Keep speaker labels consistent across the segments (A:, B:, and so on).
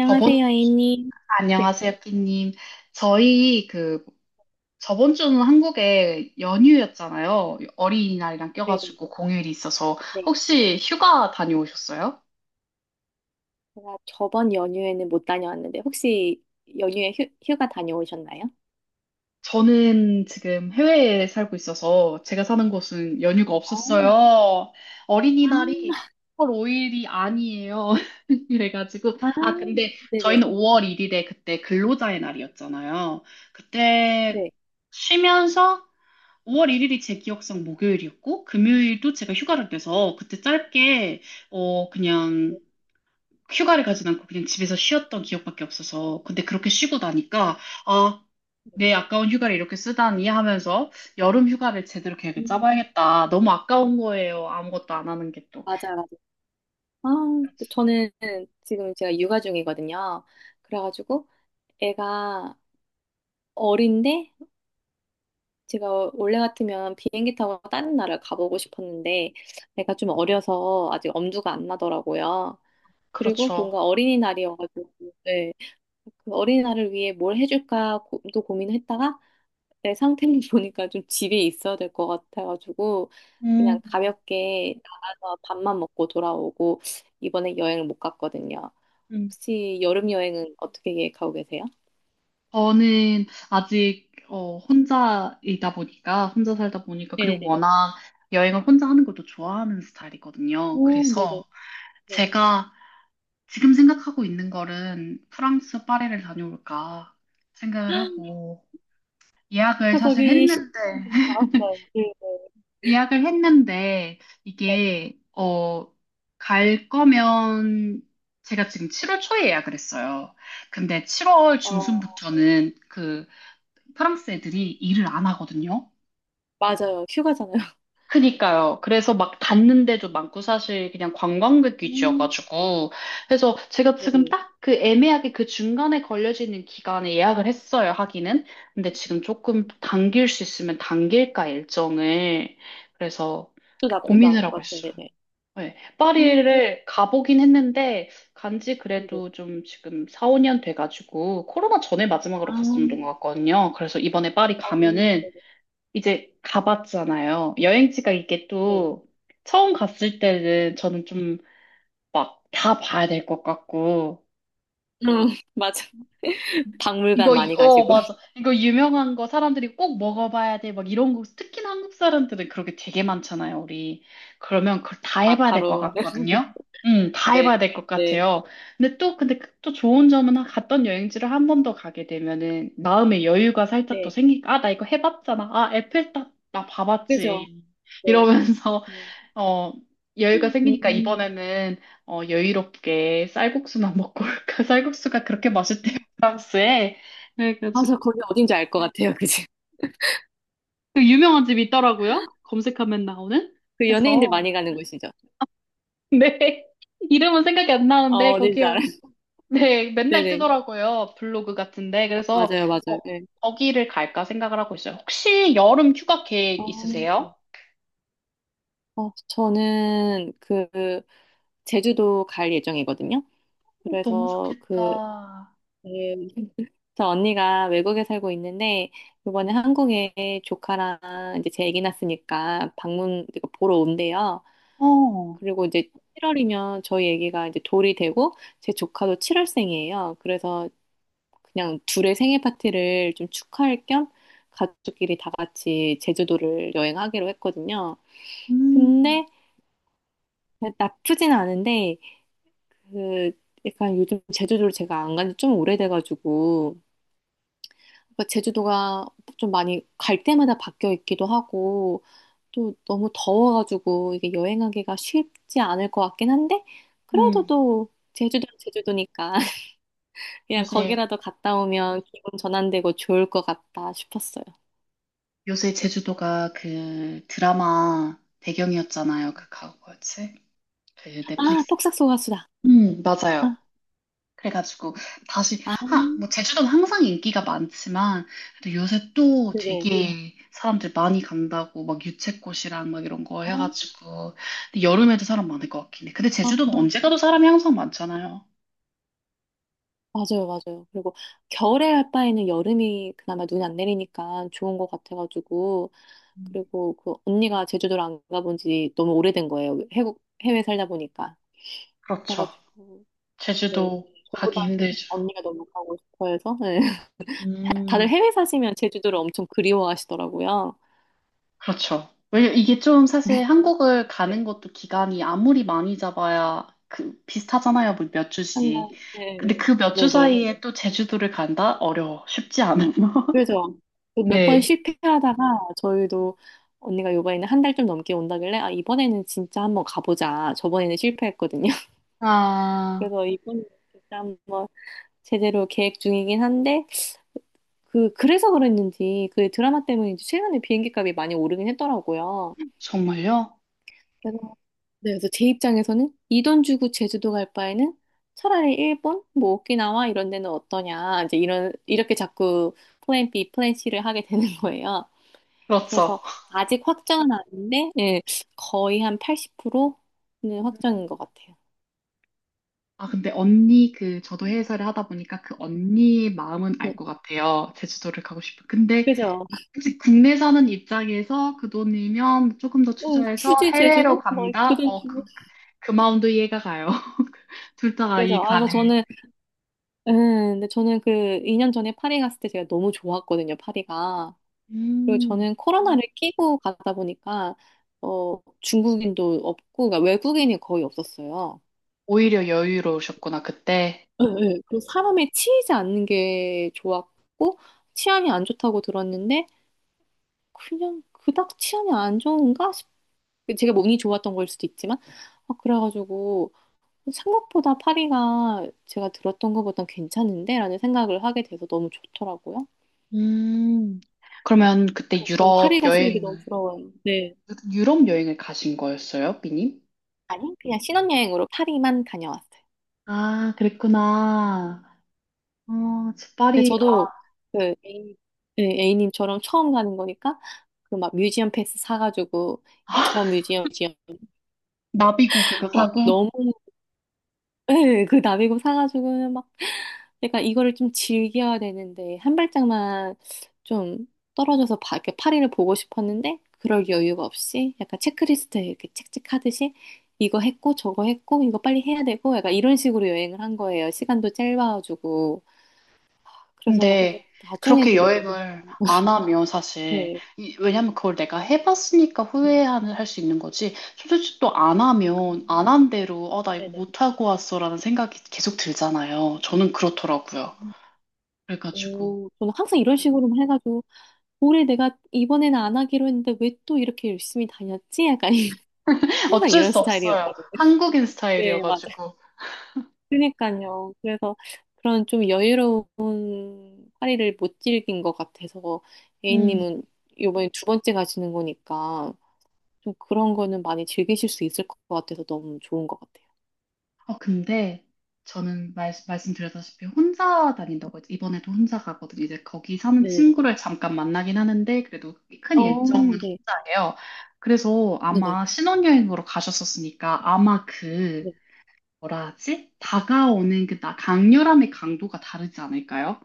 A: 저번,
B: 애님. 네,
A: 안녕하세요, 끼님. 저희 저번 주는 한국에 연휴였잖아요. 어린이날이랑
B: 네, 네.
A: 껴가지고 공휴일이 있어서.
B: 네.
A: 혹시 휴가 다녀오셨어요?
B: 제가 저번 연휴에는 못 다녀왔는데 혹시 연휴에 휴가 다녀오셨나요?
A: 저는 지금 해외에 살고 있어서 제가 사는 곳은 연휴가
B: 어,
A: 없었어요. 어린이날이 5
B: 아,
A: 월 5일이 아니에요. 그래가지고,
B: 아,
A: 아, 근데
B: 네네.
A: 저희는 5월 1일에 그때 근로자의 날이었잖아요. 그때
B: 네.
A: 쉬면서 5월 1일이 제 기억상 목요일이었고, 금요일도 제가 휴가를 내서 그때 짧게, 그냥
B: 네.
A: 휴가를 가진 않고 그냥 집에서 쉬었던 기억밖에 없어서. 근데 그렇게 쉬고 나니까, 아, 내 아까운 휴가를 이렇게 쓰다니 하면서 여름 휴가를 제대로 계획을
B: 음,
A: 짜봐야겠다. 너무 아까운 거예요. 아무것도 안 하는 게 또.
B: 맞아. 아, 저는 지금 제가 육아 중이거든요. 그래가지고 애가 어린데 제가 원래 같으면 비행기 타고 다른 나라를 가보고 싶었는데 애가 좀 어려서 아직 엄두가 안 나더라고요. 그리고
A: 그렇죠.
B: 뭔가 어린이날이어가지고 네. 그 어린아이를 위해 뭘 해줄까 고, 또 고민했다가 내 상태를 보니까 좀 집에 있어야 될 것 같아가지고 그냥
A: 음,
B: 가볍게 나가서 밥만 먹고 돌아오고 이번에 여행을 못 갔거든요.
A: 음.
B: 혹시 여름 여행은 어떻게 계획하고 계세요?
A: 저는 아직 혼자이다 보니까 혼자 살다 보니까 그리고
B: 네네네.
A: 워낙 여행을 혼자 하는 것도 좋아하는 스타일이거든요.
B: 오, 네네.
A: 그래서
B: 네.
A: 제가 지금 생각하고 있는 거는 프랑스 파리를 다녀올까 생각을 하고 예약을
B: 저
A: 사실
B: 거기 시간
A: 했는데
B: 받았어요. 네네. 네.
A: 예약을 했는데
B: 네.
A: 이게 갈 거면 제가 지금 7월 초에 예약을 했어요. 근데 7월
B: 어,
A: 중순부터는 그 프랑스 애들이 일을 안 하거든요.
B: 맞아요. 휴가잖아요.
A: 그니까요. 그래서 막 닿는데도 많고 사실 그냥 관광객
B: 음,
A: 위주여가지고. 그래서 제가 지금
B: 네네.
A: 딱 그 애매하게 그 중간에 걸려지는 기간에 예약을 했어요, 하기는. 근데 지금 조금 당길 수 있으면 당길까, 일정을. 그래서
B: 또 나쁘지
A: 고민을
B: 않을 것
A: 하고 있어요.
B: 같은데, 네.
A: 네.
B: 헉,
A: 파리를 가보긴 했는데, 간지
B: 네네.
A: 그래도 좀 지금 4, 5년 돼가지고, 코로나 전에 마지막으로
B: 아,
A: 갔었던 것 같거든요. 그래서 이번에 파리
B: 어,
A: 가면은
B: 네네.
A: 이제 가봤잖아요. 여행지가 이게
B: 네네.
A: 또 처음 갔을 때는 저는 좀 막 다 봐야 될 것 같고
B: 응, 맞아. 박물관 많이 가시고,
A: 맞아. 이거 유명한 거 사람들이 꼭 먹어봐야 돼. 막 이런 거, 특히 한국 사람들은 그렇게 되게 많잖아요, 우리. 그러면 그걸 다 해봐야 될 것
B: 마카롱,
A: 같거든요? 다 해봐야
B: 네,
A: 될 것
B: 네,
A: 같아요. 근데 또, 근데 그또 좋은 점은 갔던 여행지를 한 번 더 가게 되면은 마음의 여유가 살짝 더
B: 네.
A: 생기니까, 아, 나 이거 해봤잖아. 아, 에펠탑, 나
B: 그죠?
A: 봐봤지.
B: 네.
A: 이러면서
B: 음,
A: 어, 여유가 생기니까
B: 음.
A: 이번에는 여유롭게 쌀국수만 먹고 올까? 쌀국수가 그렇게 맛있대요, 프랑스에. 네, 그래서
B: 맞아. 거기 어딘지 알 것 같아요. 그지
A: 그 유명한 집이 있더라고요. 검색하면 나오는.
B: 그 연예인들
A: 그래서
B: 많이 가는 곳이죠.
A: 네, 이름은 생각이 안
B: 어,
A: 나는데
B: 어딘지 알아요.
A: 거기요. 네, 맨날
B: 네네.
A: 뜨더라고요. 블로그 같은데. 그래서
B: 맞아요, 맞아요.
A: 어,
B: 네.
A: 거기를 갈까 생각을 하고 있어요. 혹시 여름 휴가
B: 어,
A: 계획 있으세요?
B: 어, 저는 제주도 갈 예정이거든요.
A: 어, 너무
B: 그래서 그,
A: 좋겠다.
B: 네, 저 언니가 외국에 살고 있는데, 이번에 한국에 조카랑 이제 제 아기 낳았으니까 이거 보러 온대요.
A: 어,
B: 그리고 이제 7월이면 저희 애기가 이제 돌이 되고 제 조카도 7월생이에요. 그래서 그냥 둘의 생일 파티를 좀 축하할 겸 가족끼리 다 같이 제주도를 여행하기로 했거든요.
A: 음,
B: 근데 나쁘진 않은데 그 약간 요즘 제주도를 제가 안 간지 좀 오래돼가지고 그러니까 제주도가 좀 많이 갈 때마다 바뀌어 있기도 하고 또 너무 더워가지고 이게 여행하기가 쉽지 않을 것 같긴 한데 그래도
A: 음,
B: 또 제주도는 제주도니까 그냥
A: 요새.
B: 거기라도 갔다 오면 기분 전환되고 좋을 것 같다 싶었어요.
A: 요새 제주도가 그 드라마 배경이었잖아요. 뭐였지? 그
B: 아,
A: 넷플릭스.
B: 폭삭 속가수다
A: 맞아요.
B: 아,
A: 그래가지고 다시
B: 아,
A: 뭐 제주도는 항상 인기가 많지만 그래도 요새 또
B: 네네.
A: 되게 사람들 많이 간다고 막 유채꽃이랑 막 이런 거
B: 아,
A: 해가지고 근데 여름에도 사람 많을 것 같긴 해. 근데
B: 어,
A: 제주도는 언제 가도 사람이 항상 많잖아요.
B: 맞아요, 맞아요. 그리고 겨울에 할 바에는 여름이 그나마 눈이 안 내리니까 좋은 것 같아가지고.
A: 음,
B: 그리고 그 언니가 제주도를 안 가본 지 너무 오래된 거예요. 해외 살다 보니까.
A: 그렇죠.
B: 그래가지고, 네.
A: 제주도 가기
B: 저보다는
A: 힘들죠.
B: 언니가 너무 가고 싶어 해서. 네. 다들
A: 음.
B: 해외 사시면 제주도를 엄청 그리워하시더라고요.
A: 그렇죠. 왜냐 이게 좀 사실 한국을
B: 네.
A: 가는 것도 기간이 아무리 많이 잡아야 그 비슷하잖아요. 뭐몇
B: 한 달,
A: 주씩.
B: 네,
A: 근데 그 몇 주
B: 네, 네.
A: 사이에 또 제주도를 간다? 어려워. 쉽지 않아요.
B: 그래서 몇 번
A: 네.
B: 실패하다가 저희도 언니가 요번에는 한 달 좀 넘게 온다길래 아 이번에는 진짜 한번 가보자. 저번에는 실패했거든요.
A: 아,
B: 그래서 이번에 진짜 한번 제대로 계획 중이긴 한데 그 그래서 그랬는지 그 드라마 때문인지 최근에 비행기 값이 많이 오르긴 했더라고요.
A: 정말요?
B: 그래서 네, 그래서 제 입장에서는 이 돈 주고 제주도 갈 바에는 차라리 일본, 뭐 오키나와 이런 데는 어떠냐 이제 이런 이렇게 자꾸 플랜 B, 플랜 C를 하게 되는 거예요.
A: 그렇죠.
B: 그래서 아직 확정은 아닌데, 예, 거의 한 80%는 확정인 것 같아요.
A: 아, 근데 언니 저도 해외사를 하다 보니까 그 언니의 마음은
B: 네.
A: 알 것 같아요. 제주도를 가고 싶어. 근데
B: 그죠?
A: 혹시 국내 사는 입장에서 그 돈이면 조금 더
B: 응,
A: 투자해서
B: 굳이
A: 해외로
B: 제주도?
A: 간다?
B: 막그돈 주고.
A: 그 마음도 이해가 가요. 둘 다가
B: 그죠?
A: 이
B: 아, 그래서
A: 간을.
B: 저는, 근데 저는 그 2년 전에 파리 갔을 때 제가 너무 좋았거든요, 파리가. 그리고
A: 음,
B: 저는 코로나를 끼고 가다 보니까, 어, 중국인도 없고, 그러니까 외국인이 거의 없었어요.
A: 오히려 여유로우셨구나, 그때.
B: 예, 예. 그 사람에 치이지 않는 게 좋았고, 치안이 안 좋다고 들었는데, 그냥 그닥 치안이 안 좋은가 그 제가 뭐 운이 좋았던 걸 수도 있지만 아, 그래가지고 생각보다 파리가 제가 들었던 것보단 괜찮은데 라는 생각을 하게 돼서 너무 좋더라고요.
A: 음. 그러면 그때
B: 그래서 좀 파리 가시는 게 너무 부러워요. 네.
A: 유럽 여행을 가신 거였어요, 비님?
B: 아니 그냥 신혼여행으로 파리만 다녀왔어요.
A: 아, 그랬구나. 어, 저
B: 근데
A: 파리, 아,
B: 저도 그 A님, 네, A님처럼 처음 가는 거니까 그 막 뮤지엄 패스 사가지고 저 뮤지엄
A: 나비고 그거
B: 막
A: 사고?
B: 너무 예, 그 나비고 사가지고는 막, 그러 이거를 좀 즐겨야 되는데, 한 발짝만 좀 떨어져서 바, 이렇게 파리를 보고 싶었는데, 그럴 여유가 없이, 약간 체크리스트에 이렇게 책찍하듯이, 이거 했고, 저거 했고, 이거 빨리 해야 되고, 약간 이런 식으로 여행을 한 거예요. 시간도 짧아가지고. 그래서
A: 근데
B: 나중에
A: 그렇게
B: 그게 또,
A: 여행을 안 하면 사실
B: 네.
A: 왜냐면 그걸 내가 해봤으니까 후회하는 할 수 있는 거지 솔직히 또 안
B: 아,
A: 하면 안 한 대로 나 이거
B: 네네.
A: 못하고 왔어라는 생각이 계속 들잖아요. 저는 그렇더라고요. 그래가지고
B: 오, 저는 항상 이런 식으로 해가지고, 올해 내가 이번에는 안 하기로 했는데 왜 또 이렇게 열심히 다녔지? 약간 항상
A: 어쩔
B: 이런
A: 수 없어요,
B: 스타일이었거든요.
A: 한국인
B: 네, 맞아요.
A: 스타일이어가지고.
B: 그러니까요. 그래서 그런 좀 여유로운 파리를 못 즐긴 것 같아서
A: 음.
B: A님은 이번에 두 번째 가시는 거니까 좀 그런 거는 많이 즐기실 수 있을 것 같아서 너무 좋은 것 같아요.
A: 근데 저는 말씀드렸다시피 혼자 다닌다고 했죠. 이번에도 혼자 가거든요. 이제 거기 사는
B: 네네네.
A: 친구를 잠깐 만나긴 하는데 그래도 큰
B: 어,
A: 일정은
B: 네.
A: 혼자예요. 그래서
B: 네네.
A: 아마 신혼여행으로 가셨었으니까 아마 그
B: 네.
A: 뭐라 하지? 다가오는 그 강렬함의 강도가 다르지 않을까요?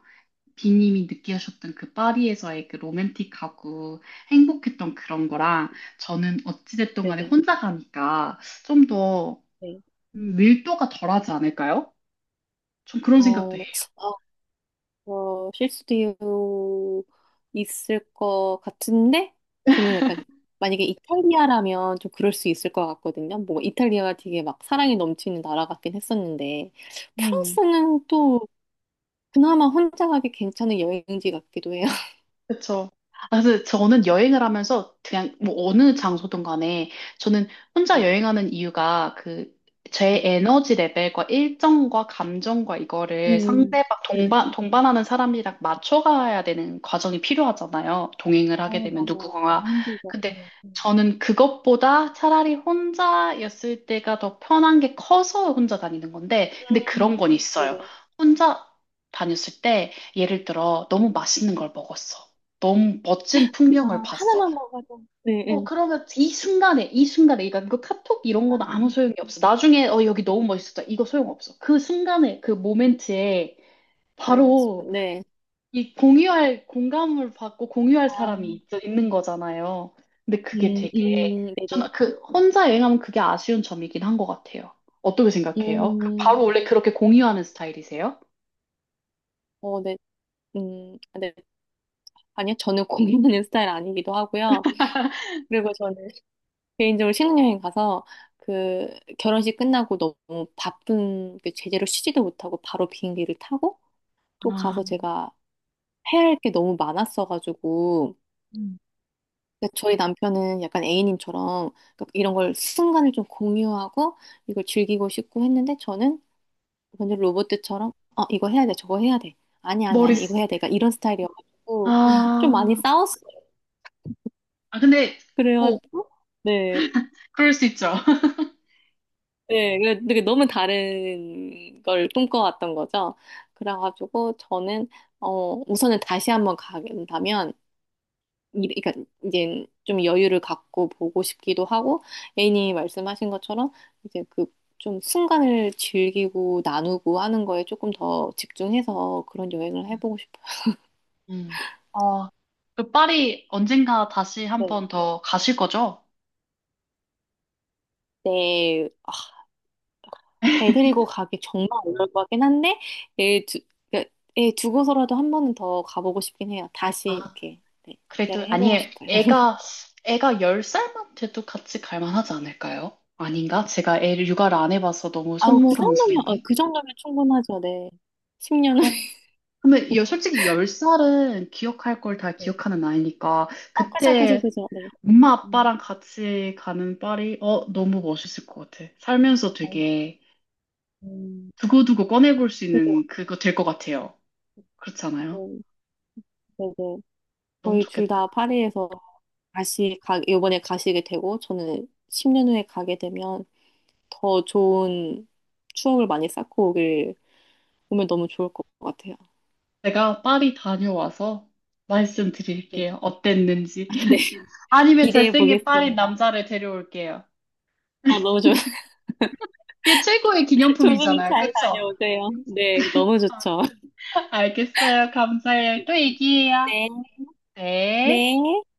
A: 비님이 느끼셨던 그 파리에서의 그 로맨틱하고 행복했던 그런 거랑 저는 어찌됐든 간에
B: 네네.
A: 혼자 가니까 좀더
B: 네.
A: 밀도가 덜하지 않을까요? 좀 그런 생각도
B: 어,
A: 해요.
B: 어, 실수도 있을 것 같은데, 저는 약간, 만약에 이탈리아라면 좀 그럴 수 있을 것 같거든요. 뭐, 이탈리아가 되게 막 사랑이 넘치는 나라 같긴 했었는데,
A: 음.
B: 프랑스는 또 그나마 혼자 가기 괜찮은 여행지 같기도 해요.
A: 그쵸. 아, 근데 저는 여행을 하면서 그냥 뭐 어느
B: 네,
A: 장소든 간에 저는 혼자
B: 네,
A: 여행하는 이유가 그 제
B: 네.
A: 에너지 레벨과 일정과 감정과 이거를
B: 음,
A: 상대방
B: 네.
A: 동반하는 사람이랑 맞춰가야 되는 과정이 필요하잖아요. 동행을
B: 아,
A: 하게 되면
B: 맞아.
A: 누구가.
B: 너무 힘들죠.
A: 근데
B: 네, 네.
A: 저는 그것보다 차라리 혼자였을 때가 더 편한 게 커서 혼자 다니는 건데 근데 그런
B: 음,
A: 건 있어요.
B: 네네.
A: 혼자 다녔을 때 예를 들어 너무 맛있는 걸 먹었어. 너무 멋진
B: 아,
A: 풍경을 봤어.
B: 하나만 먹어도, 네, 네.
A: 그러면 이 순간에, 이 순간에, 그러니까 이거 카톡 이런
B: 아,
A: 건 아무 소용이 없어. 나중에, 여기 너무 멋있었다. 이거 소용없어. 그 순간에, 그 모멘트에
B: 안 먹고
A: 바로
B: 싶은, 네.
A: 이 공유할 공감을 받고 공유할
B: 아,
A: 사람이 있는 거잖아요. 근데 그게 되게,
B: 네네.
A: 저는 혼자 여행하면 그게 아쉬운 점이긴 한 것 같아요. 어떻게 생각해요? 바로
B: 음,
A: 원래 그렇게 공유하는 스타일이세요?
B: 어, 네, 아, 네. 아니요, 저는 고민하는 스타일 아니기도 하고요. 그리고 저는 개인적으로 신혼여행 가서 그 결혼식 끝나고 너무 바쁜 그 제대로 쉬지도 못하고 바로 비행기를 타고 또
A: 아,
B: 가서 제가 해야 할 게 너무 많았어가지고
A: 음.
B: 그러니까 저희 남편은 약간 A님처럼 그러니까 이런 걸 순간을 좀 공유하고 이걸 즐기고 싶고 했는데 저는 완전 로봇들처럼 어 이거 해야 돼 저거 해야 돼 아니야 아니야 아
A: 머리,
B: 니 이거
A: 쓰-
B: 해야 돼 그러니까 이런 스타일이어가지고 좀 많이
A: 아,
B: 싸웠어요.
A: 아, 근데 꼭
B: 그래가지고 네,
A: 그럴 수 있죠.
B: 네, 그래- 되게 너무 다른 걸 꿈꿔왔던 거죠. 그래가지고 저는 어 우선은 다시 한번 가긴다면 이- 그러니까 이제 좀 여유를 갖고 보고 싶기도 하고 애인이 말씀하신 것처럼 이제 그 좀 순간을 즐기고 나누고 하는 거에 조금 더 집중해서 그런 여행을 해보고 싶어요.
A: 음. 어, 그 파리 언젠가 다시 한 번 더 가실 거죠?
B: 네, 아, 애 데리고 가기 정말 어려울 것 같긴 한데, 애 두, 그러니까 애 두고서라도 한 번은 더 가보고 싶긴 해요. 다시
A: 아,
B: 이렇게, 네,
A: 그래도
B: 여행해보고
A: 아니에요.
B: 싶어요.
A: 애가 10살만 돼도 같이 갈 만하지 않을까요? 아닌가? 제가 애를 육아를 안 해봐서 너무
B: 아우, 그
A: 속모르는
B: 정도면, 어,
A: 소린데.
B: 그 정도면 충분하죠, 네. 10년은.
A: 그럼 근데 솔직히 10살은 기억할 걸 다
B: 네.
A: 기억하는 나이니까
B: 어,
A: 그때
B: 그죠, 네.
A: 엄마
B: 음,
A: 아빠랑 같이 가는 파리 너무 멋있을 것 같아. 살면서
B: 아유,
A: 되게
B: 음,
A: 두고두고 꺼내볼 수
B: 그죠,
A: 있는 그거 될 것 같아요. 그렇지 않아요?
B: 음, 네네.
A: 너무
B: 거의 둘
A: 좋겠다.
B: 다 파리에서 다시 가, 이번에 가시게 되고, 저는 10년 후에 가게 되면 더 좋은 추억을 많이 쌓고 오길, 오면 너무 좋을 것 같아요.
A: 제가 파리 다녀와서
B: 네.
A: 말씀드릴게요. 어땠는지.
B: 아, 네.
A: 아니면
B: 기대해
A: 잘생긴 파리
B: 보겠습니다.
A: 남자를 데려올게요.
B: 어, 너무 좋,
A: 그게 최고의
B: 조심히
A: 기념품이잖아요.
B: 잘
A: 그쵸?
B: 다녀오세요. 네, 너무 좋죠.
A: 알겠어요. 감사해요. 또
B: 네.
A: 얘기해요. 네.
B: 네.